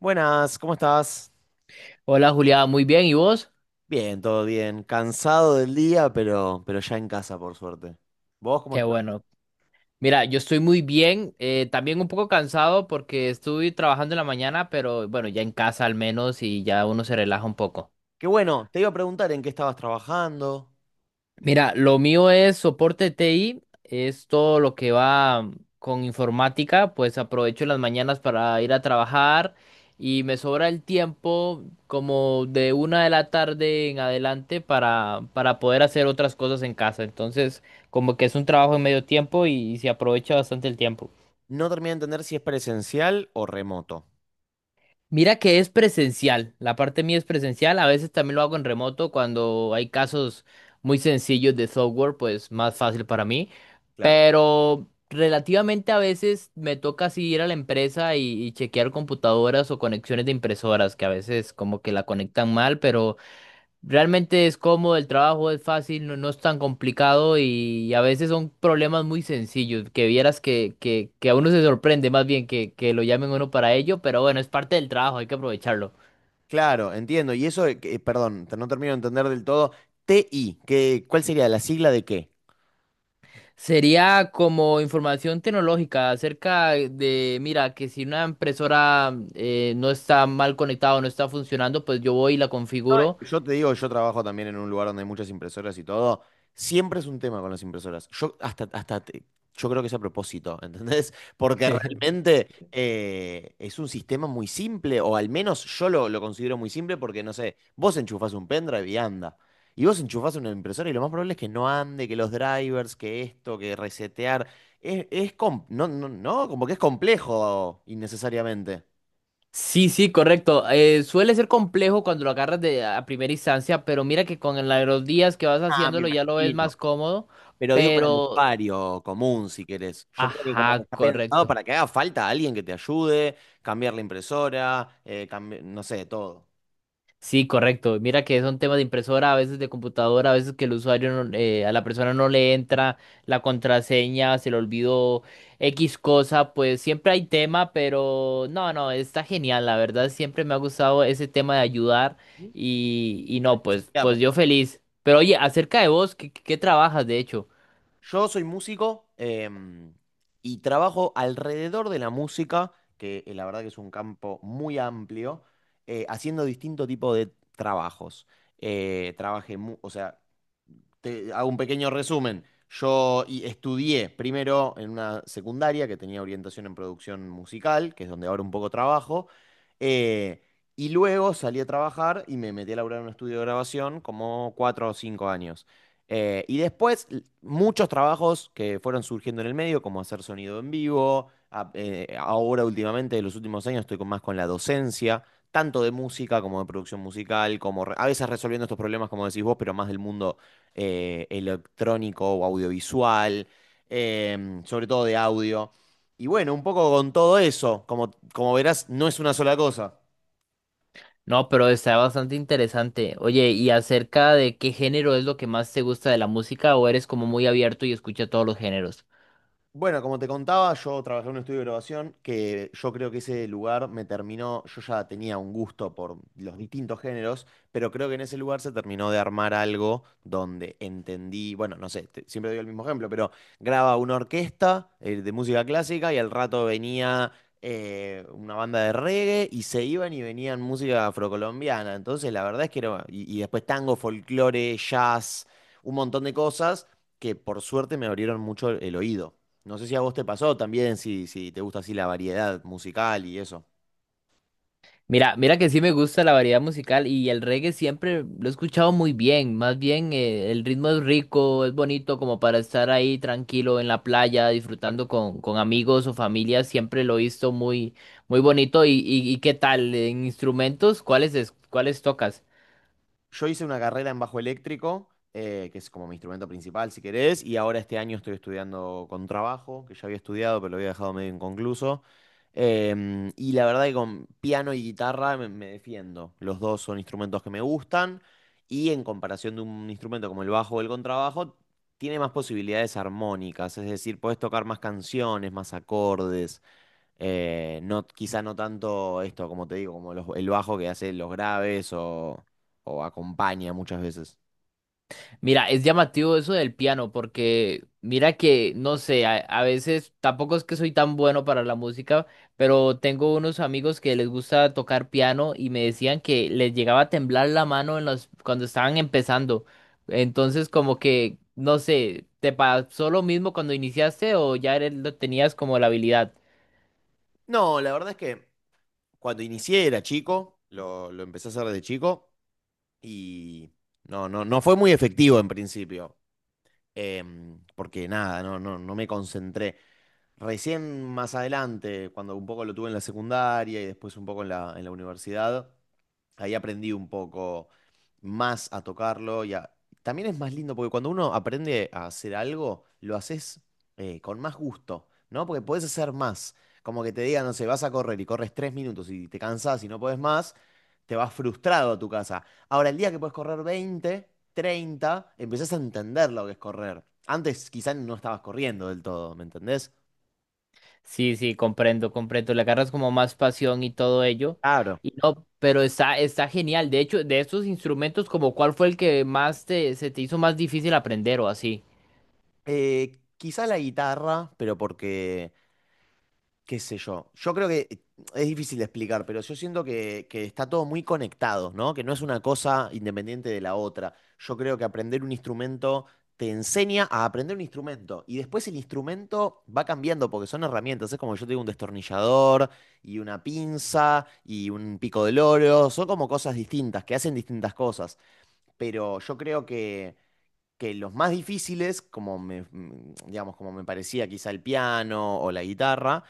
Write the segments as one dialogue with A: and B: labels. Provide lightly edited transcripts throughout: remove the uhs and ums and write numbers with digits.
A: Buenas, ¿cómo estás?
B: Hola Julián, muy bien. ¿Y vos?
A: Bien, todo bien. Cansado del día, pero ya en casa, por suerte. ¿Vos cómo
B: Qué
A: estás?
B: bueno. Mira, yo estoy muy bien, también un poco cansado porque estuve trabajando en la mañana, pero bueno, ya en casa al menos y ya uno se relaja un poco.
A: Qué bueno, te iba a preguntar en qué estabas trabajando.
B: Mira, lo mío es soporte TI, es todo lo que va con informática, pues aprovecho las mañanas para ir a trabajar y me sobra el tiempo como de una de la tarde en adelante para poder hacer otras cosas en casa. Entonces, como que es un trabajo en medio tiempo y se aprovecha bastante el tiempo.
A: No terminé de entender si es presencial o remoto.
B: Mira que es presencial, la parte mía es presencial, a veces también lo hago en remoto cuando hay casos muy sencillos de software, pues más fácil para mí,
A: Claro.
B: pero relativamente a veces me toca así ir a la empresa y chequear computadoras o conexiones de impresoras, que a veces como que la conectan mal. Pero realmente es cómodo, el trabajo es fácil, no, no es tan complicado y a veces son problemas muy sencillos, que vieras que a uno se sorprende más bien que lo llamen a uno para ello, pero bueno, es parte del trabajo, hay que aprovecharlo.
A: Claro, entiendo. Y eso, perdón, no termino de entender del todo. TI, ¿qué, cuál sería la sigla de qué?
B: Sería como información tecnológica acerca de, mira, que si una impresora no está mal conectada o no está funcionando, pues yo voy y la
A: No, es
B: configuro.
A: que yo te digo, yo trabajo también en un lugar donde hay muchas impresoras y todo. Siempre es un tema con las impresoras. Yo hasta yo creo que es a propósito, ¿entendés? Porque realmente es un sistema muy simple, o al menos yo lo considero muy simple porque, no sé, vos enchufás un pendrive y anda. Y vos enchufás una impresora y lo más probable es que no ande, que los drivers, que esto, que resetear. No, no, no, como que es complejo innecesariamente.
B: Sí, sí, correcto. Suele ser complejo cuando lo agarras de a primera instancia, pero mira que con la- los días que vas
A: Ah, me
B: haciéndolo ya lo ves
A: imagino.
B: más cómodo,
A: Pero digo para el
B: pero...
A: usuario común, si querés. Yo creo que como que
B: Ajá,
A: está pensado
B: correcto.
A: para que haga falta alguien que te ayude, cambiar la impresora, no sé, todo.
B: Sí, correcto. Mira que son temas de impresora, a veces de computadora, a veces que el usuario, no- a la persona no le entra la contraseña, se le olvidó X cosa, pues siempre hay tema, pero no, no, está genial, la verdad, siempre me ha gustado ese tema de ayudar y no, pues,
A: Mirá,
B: pues yo feliz. Pero oye, acerca de vos, ¿qué, qué trabajas de hecho?
A: yo soy músico, y trabajo alrededor de la música, que la verdad que es un campo muy amplio, haciendo distinto tipo de trabajos. O sea, te hago un pequeño resumen. Estudié primero en una secundaria que tenía orientación en producción musical, que es donde ahora un poco trabajo, eh, y luego salí a trabajar y me metí a laburar en un estudio de grabación como 4 o 5 años. Muchos trabajos que fueron surgiendo en el medio, como hacer sonido en vivo. Ahora últimamente, en los últimos años, estoy con más con la docencia tanto de música como de producción musical, a veces resolviendo estos problemas, como decís vos, pero más del mundo electrónico o audiovisual, sobre todo de audio. Y bueno, un poco con todo eso, como verás, no es una sola cosa.
B: No, pero está bastante interesante. Oye, ¿y acerca de qué género es lo que más te gusta de la música o eres como muy abierto y escucha todos los géneros?
A: Bueno, como te contaba, yo trabajé en un estudio de grabación que yo creo que ese lugar me terminó, yo ya tenía un gusto por los distintos géneros, pero creo que en ese lugar se terminó de armar algo donde entendí, bueno, no sé, siempre doy el mismo ejemplo, pero graba una orquesta de música clásica y al rato venía una banda de reggae y se iban y venían música afrocolombiana. Entonces, la verdad es que era, y después tango, folclore, jazz, un montón de cosas que por suerte me abrieron mucho el oído. No sé si a vos te pasó también, si te gusta así la variedad musical y eso.
B: Mira, mira que sí me gusta la variedad musical y el reggae siempre lo he escuchado muy bien. Más bien, el ritmo es rico, es bonito como para estar ahí tranquilo en la playa, disfrutando con amigos o familia. Siempre lo he visto muy, muy bonito. Y qué tal? ¿En instrumentos? ¿Cuáles, es- cuáles tocas?
A: Yo hice una carrera en bajo eléctrico, que es como mi instrumento principal, si querés, y ahora este año estoy estudiando con trabajo, que ya había estudiado, pero lo había dejado medio inconcluso. Y la verdad que con piano y guitarra me defiendo. Los dos son instrumentos que me gustan, y en comparación de un instrumento como el bajo o el contrabajo, tiene más posibilidades armónicas, es decir, podés tocar más canciones, más acordes. No, quizá no tanto esto, como te digo, como el bajo que hace los graves o acompaña muchas veces.
B: Mira, es llamativo eso del piano, porque mira que, no sé, a veces tampoco es que soy tan bueno para la música, pero tengo unos amigos que les gusta tocar piano y me decían que les llegaba a temblar la mano en los, cuando estaban empezando. Entonces, como que, no sé, ¿te pasó lo mismo cuando iniciaste o ya eres- lo tenías como la habilidad?
A: No, la verdad es que cuando inicié era chico, lo empecé a hacer desde chico y no fue muy efectivo en principio. Porque nada, no me concentré. Recién más adelante, cuando un poco lo tuve en la secundaria y después un poco en en la universidad, ahí aprendí un poco más a tocarlo. También es más lindo porque cuando uno aprende a hacer algo, lo haces con más gusto, ¿no? Porque podés hacer más. Como que te digan, no sé, vas a correr y corres 3 minutos y te cansás y no podés más, te vas frustrado a tu casa. Ahora, el día que puedes correr 20, 30, empezás a entender lo que es correr. Antes quizás no estabas corriendo del todo, ¿me entendés?
B: Sí, sí, comprendo, comprendo. Le agarras como más pasión y todo ello.
A: Claro.
B: Y no, pero está, está genial. De hecho, de estos instrumentos, como cuál fue el que más te, se te hizo más difícil aprender o así.
A: Quizá la guitarra, pero porque qué sé yo. Yo creo que es difícil de explicar, pero yo siento que está todo muy conectado, ¿no? Que no es una cosa independiente de la otra. Yo creo que aprender un instrumento te enseña a aprender un instrumento y después el instrumento va cambiando porque son herramientas. Es como yo tengo un destornillador y una pinza y un pico del oro. Son como cosas distintas que hacen distintas cosas, pero yo creo que los más difíciles, digamos, como me parecía quizá el piano o la guitarra,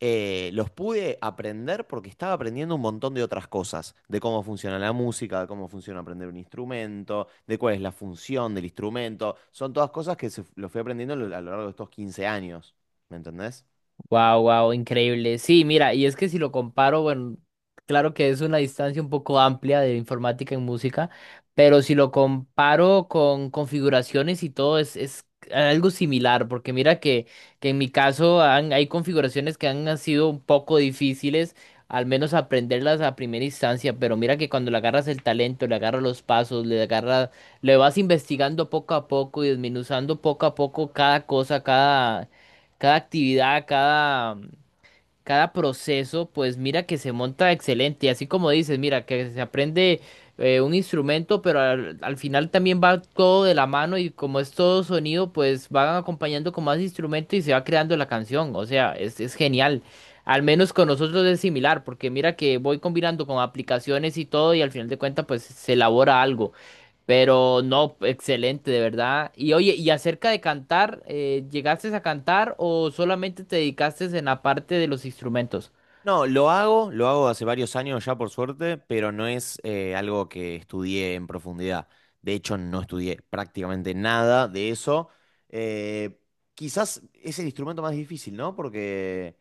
A: los pude aprender porque estaba aprendiendo un montón de otras cosas, de cómo funciona la música, de cómo funciona aprender un instrumento, de cuál es la función del instrumento. Son todas cosas que se, lo fui aprendiendo a lo largo de estos 15 años, ¿me entendés?
B: Wow, wow, increíble. Sí, mira, y es que si lo comparo, bueno, claro que es una distancia un poco amplia de informática en música, pero si lo comparo con configuraciones y todo, es algo similar, porque mira que en mi caso han- hay configuraciones que han sido un poco difíciles, al menos aprenderlas a primera instancia, pero mira que cuando le agarras el talento, le agarras los pasos, le agarras, le vas investigando poco a poco y desmenuzando poco a poco cada cosa, cada cada actividad, cada, cada proceso, pues mira que se monta excelente. Y así como dices, mira que se aprende un instrumento, pero al, al final también va todo de la mano y como es todo sonido, pues van acompañando con más instrumentos y se va creando la canción. O sea, es genial. Al menos con nosotros es similar, porque mira que voy combinando con aplicaciones y todo y al final de cuentas pues se elabora algo. Pero no, excelente, de verdad. Y oye, y acerca de cantar, ¿llegaste a cantar o solamente te dedicaste en la parte de los instrumentos?
A: No, lo hago hace varios años ya por suerte, pero no es algo que estudié en profundidad. De hecho, no estudié prácticamente nada de eso. Eh, quizás es el instrumento más difícil, ¿no? Porque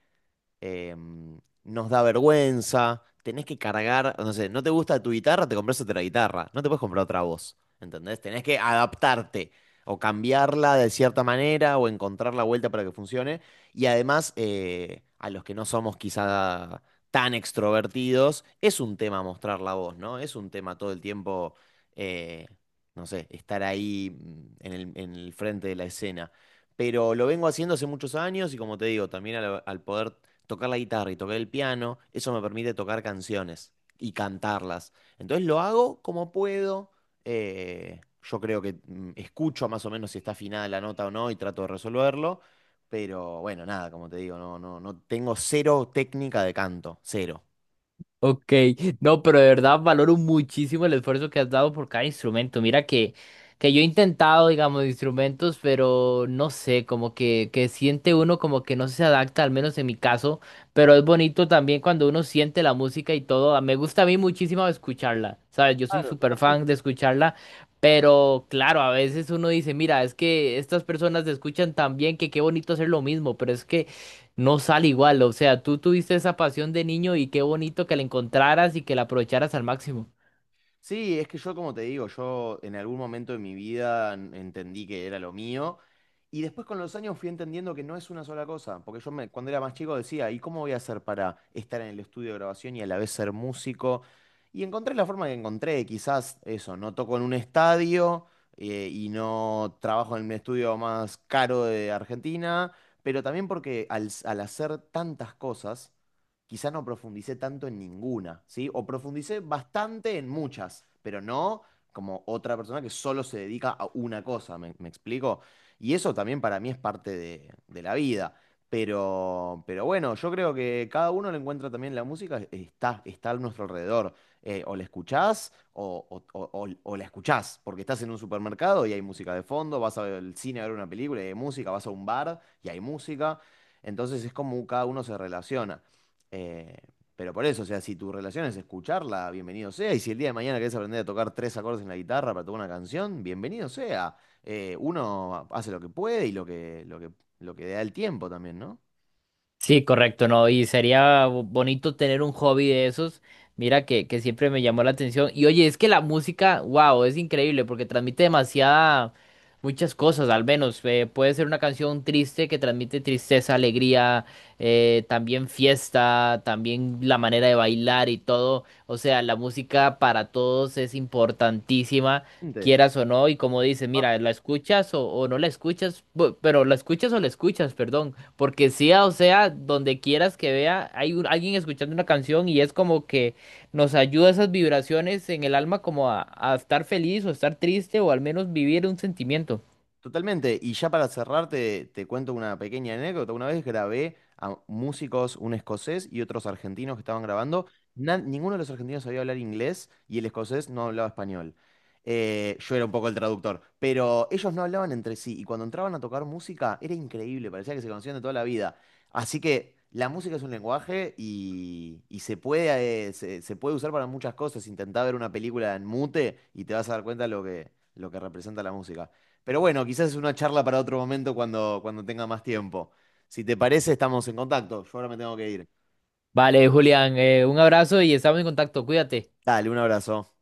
A: nos da vergüenza, tenés que cargar, no sé, no te gusta tu guitarra, te compras otra guitarra, no te puedes comprar otra voz, ¿entendés? Tenés que adaptarte o cambiarla de cierta manera o encontrar la vuelta para que funcione. Y además, a los que no somos quizá tan extrovertidos, es un tema mostrar la voz, ¿no? Es un tema todo el tiempo, eh, no sé, estar ahí en en el frente de la escena, pero lo vengo haciendo hace muchos años y como te digo, también al poder tocar la guitarra y tocar el piano, eso me permite tocar canciones y cantarlas. Entonces lo hago como puedo. Yo creo que escucho más o menos si está afinada la nota o no y trato de resolverlo. Pero bueno, nada, como te digo, no tengo cero técnica de canto, cero.
B: Ok, no, pero de verdad valoro muchísimo el esfuerzo que has dado por cada instrumento. Mira que yo he intentado, digamos, instrumentos, pero no sé, como que siente uno como que no se adapta, al menos en mi caso, pero es bonito también cuando uno siente la música y todo. Me gusta a mí muchísimo escucharla, ¿sabes? Yo soy súper fan de escucharla, pero claro, a veces uno dice, mira, es que estas personas escuchan tan bien que qué bonito hacer lo mismo, pero es que no sale igual. O sea, tú tuviste esa pasión de niño y qué bonito que la encontraras y que la aprovecharas al máximo.
A: Sí, es que yo, como te digo, yo en algún momento de mi vida entendí que era lo mío y después con los años fui entendiendo que no es una sola cosa, porque cuando era más chico decía, ¿y cómo voy a hacer para estar en el estudio de grabación y a la vez ser músico? Y encontré la forma que encontré, quizás eso, no toco en un estadio y no trabajo en el estudio más caro de Argentina, pero también porque al hacer tantas cosas quizá no profundicé tanto en ninguna, ¿sí? O profundicé bastante en muchas, pero no como otra persona que solo se dedica a una cosa, ¿me explico? Y eso también para mí es parte de la vida. Pero bueno, yo creo que cada uno le encuentra también la música, está a nuestro alrededor. O la escuchás o la escuchás, porque estás en un supermercado y hay música de fondo, vas al cine a ver una película y hay música, vas a un bar y hay música. Entonces es como cada uno se relaciona. Eh, pero por eso, o sea, si tu relación es escucharla, bienvenido sea. Y si el día de mañana querés aprender a tocar 3 acordes en la guitarra para tocar una canción, bienvenido sea. Uno hace lo que puede y lo lo que da el tiempo también, ¿no?
B: Sí, correcto, ¿no? Y sería bo- bonito tener un hobby de esos. Mira que siempre me llamó la atención. Y oye, es que la música, wow, es increíble porque transmite demasiada, muchas cosas, al menos. Puede ser una canción triste que transmite tristeza, alegría, también fiesta, también la manera de bailar y todo. O sea, la música para todos es importantísima. Quieras o no, y como dices, mira, la escuchas o no la escuchas. Bu- pero la escuchas o la escuchas, perdón. Porque sea, o sea, donde quieras que vea, hay un- alguien escuchando una canción y es como que nos ayuda esas vibraciones en el alma como a estar feliz o estar triste o al menos vivir un sentimiento.
A: Totalmente, y ya para cerrar te cuento una pequeña anécdota. Una vez grabé a músicos, un escocés y otros argentinos que estaban grabando. Ninguno de los argentinos sabía hablar inglés y el escocés no hablaba español. Yo era un poco el traductor, pero ellos no hablaban entre sí y cuando entraban a tocar música era increíble, parecía que se conocían de toda la vida. Así que la música es un lenguaje y se puede, se puede usar para muchas cosas. Intentá ver una película en mute y te vas a dar cuenta lo lo que representa la música. Pero bueno, quizás es una charla para otro momento cuando tenga más tiempo. Si te parece, estamos en contacto. Yo ahora me tengo que ir.
B: Vale, Julián, un abrazo y estamos en contacto, cuídate.
A: Dale, un abrazo.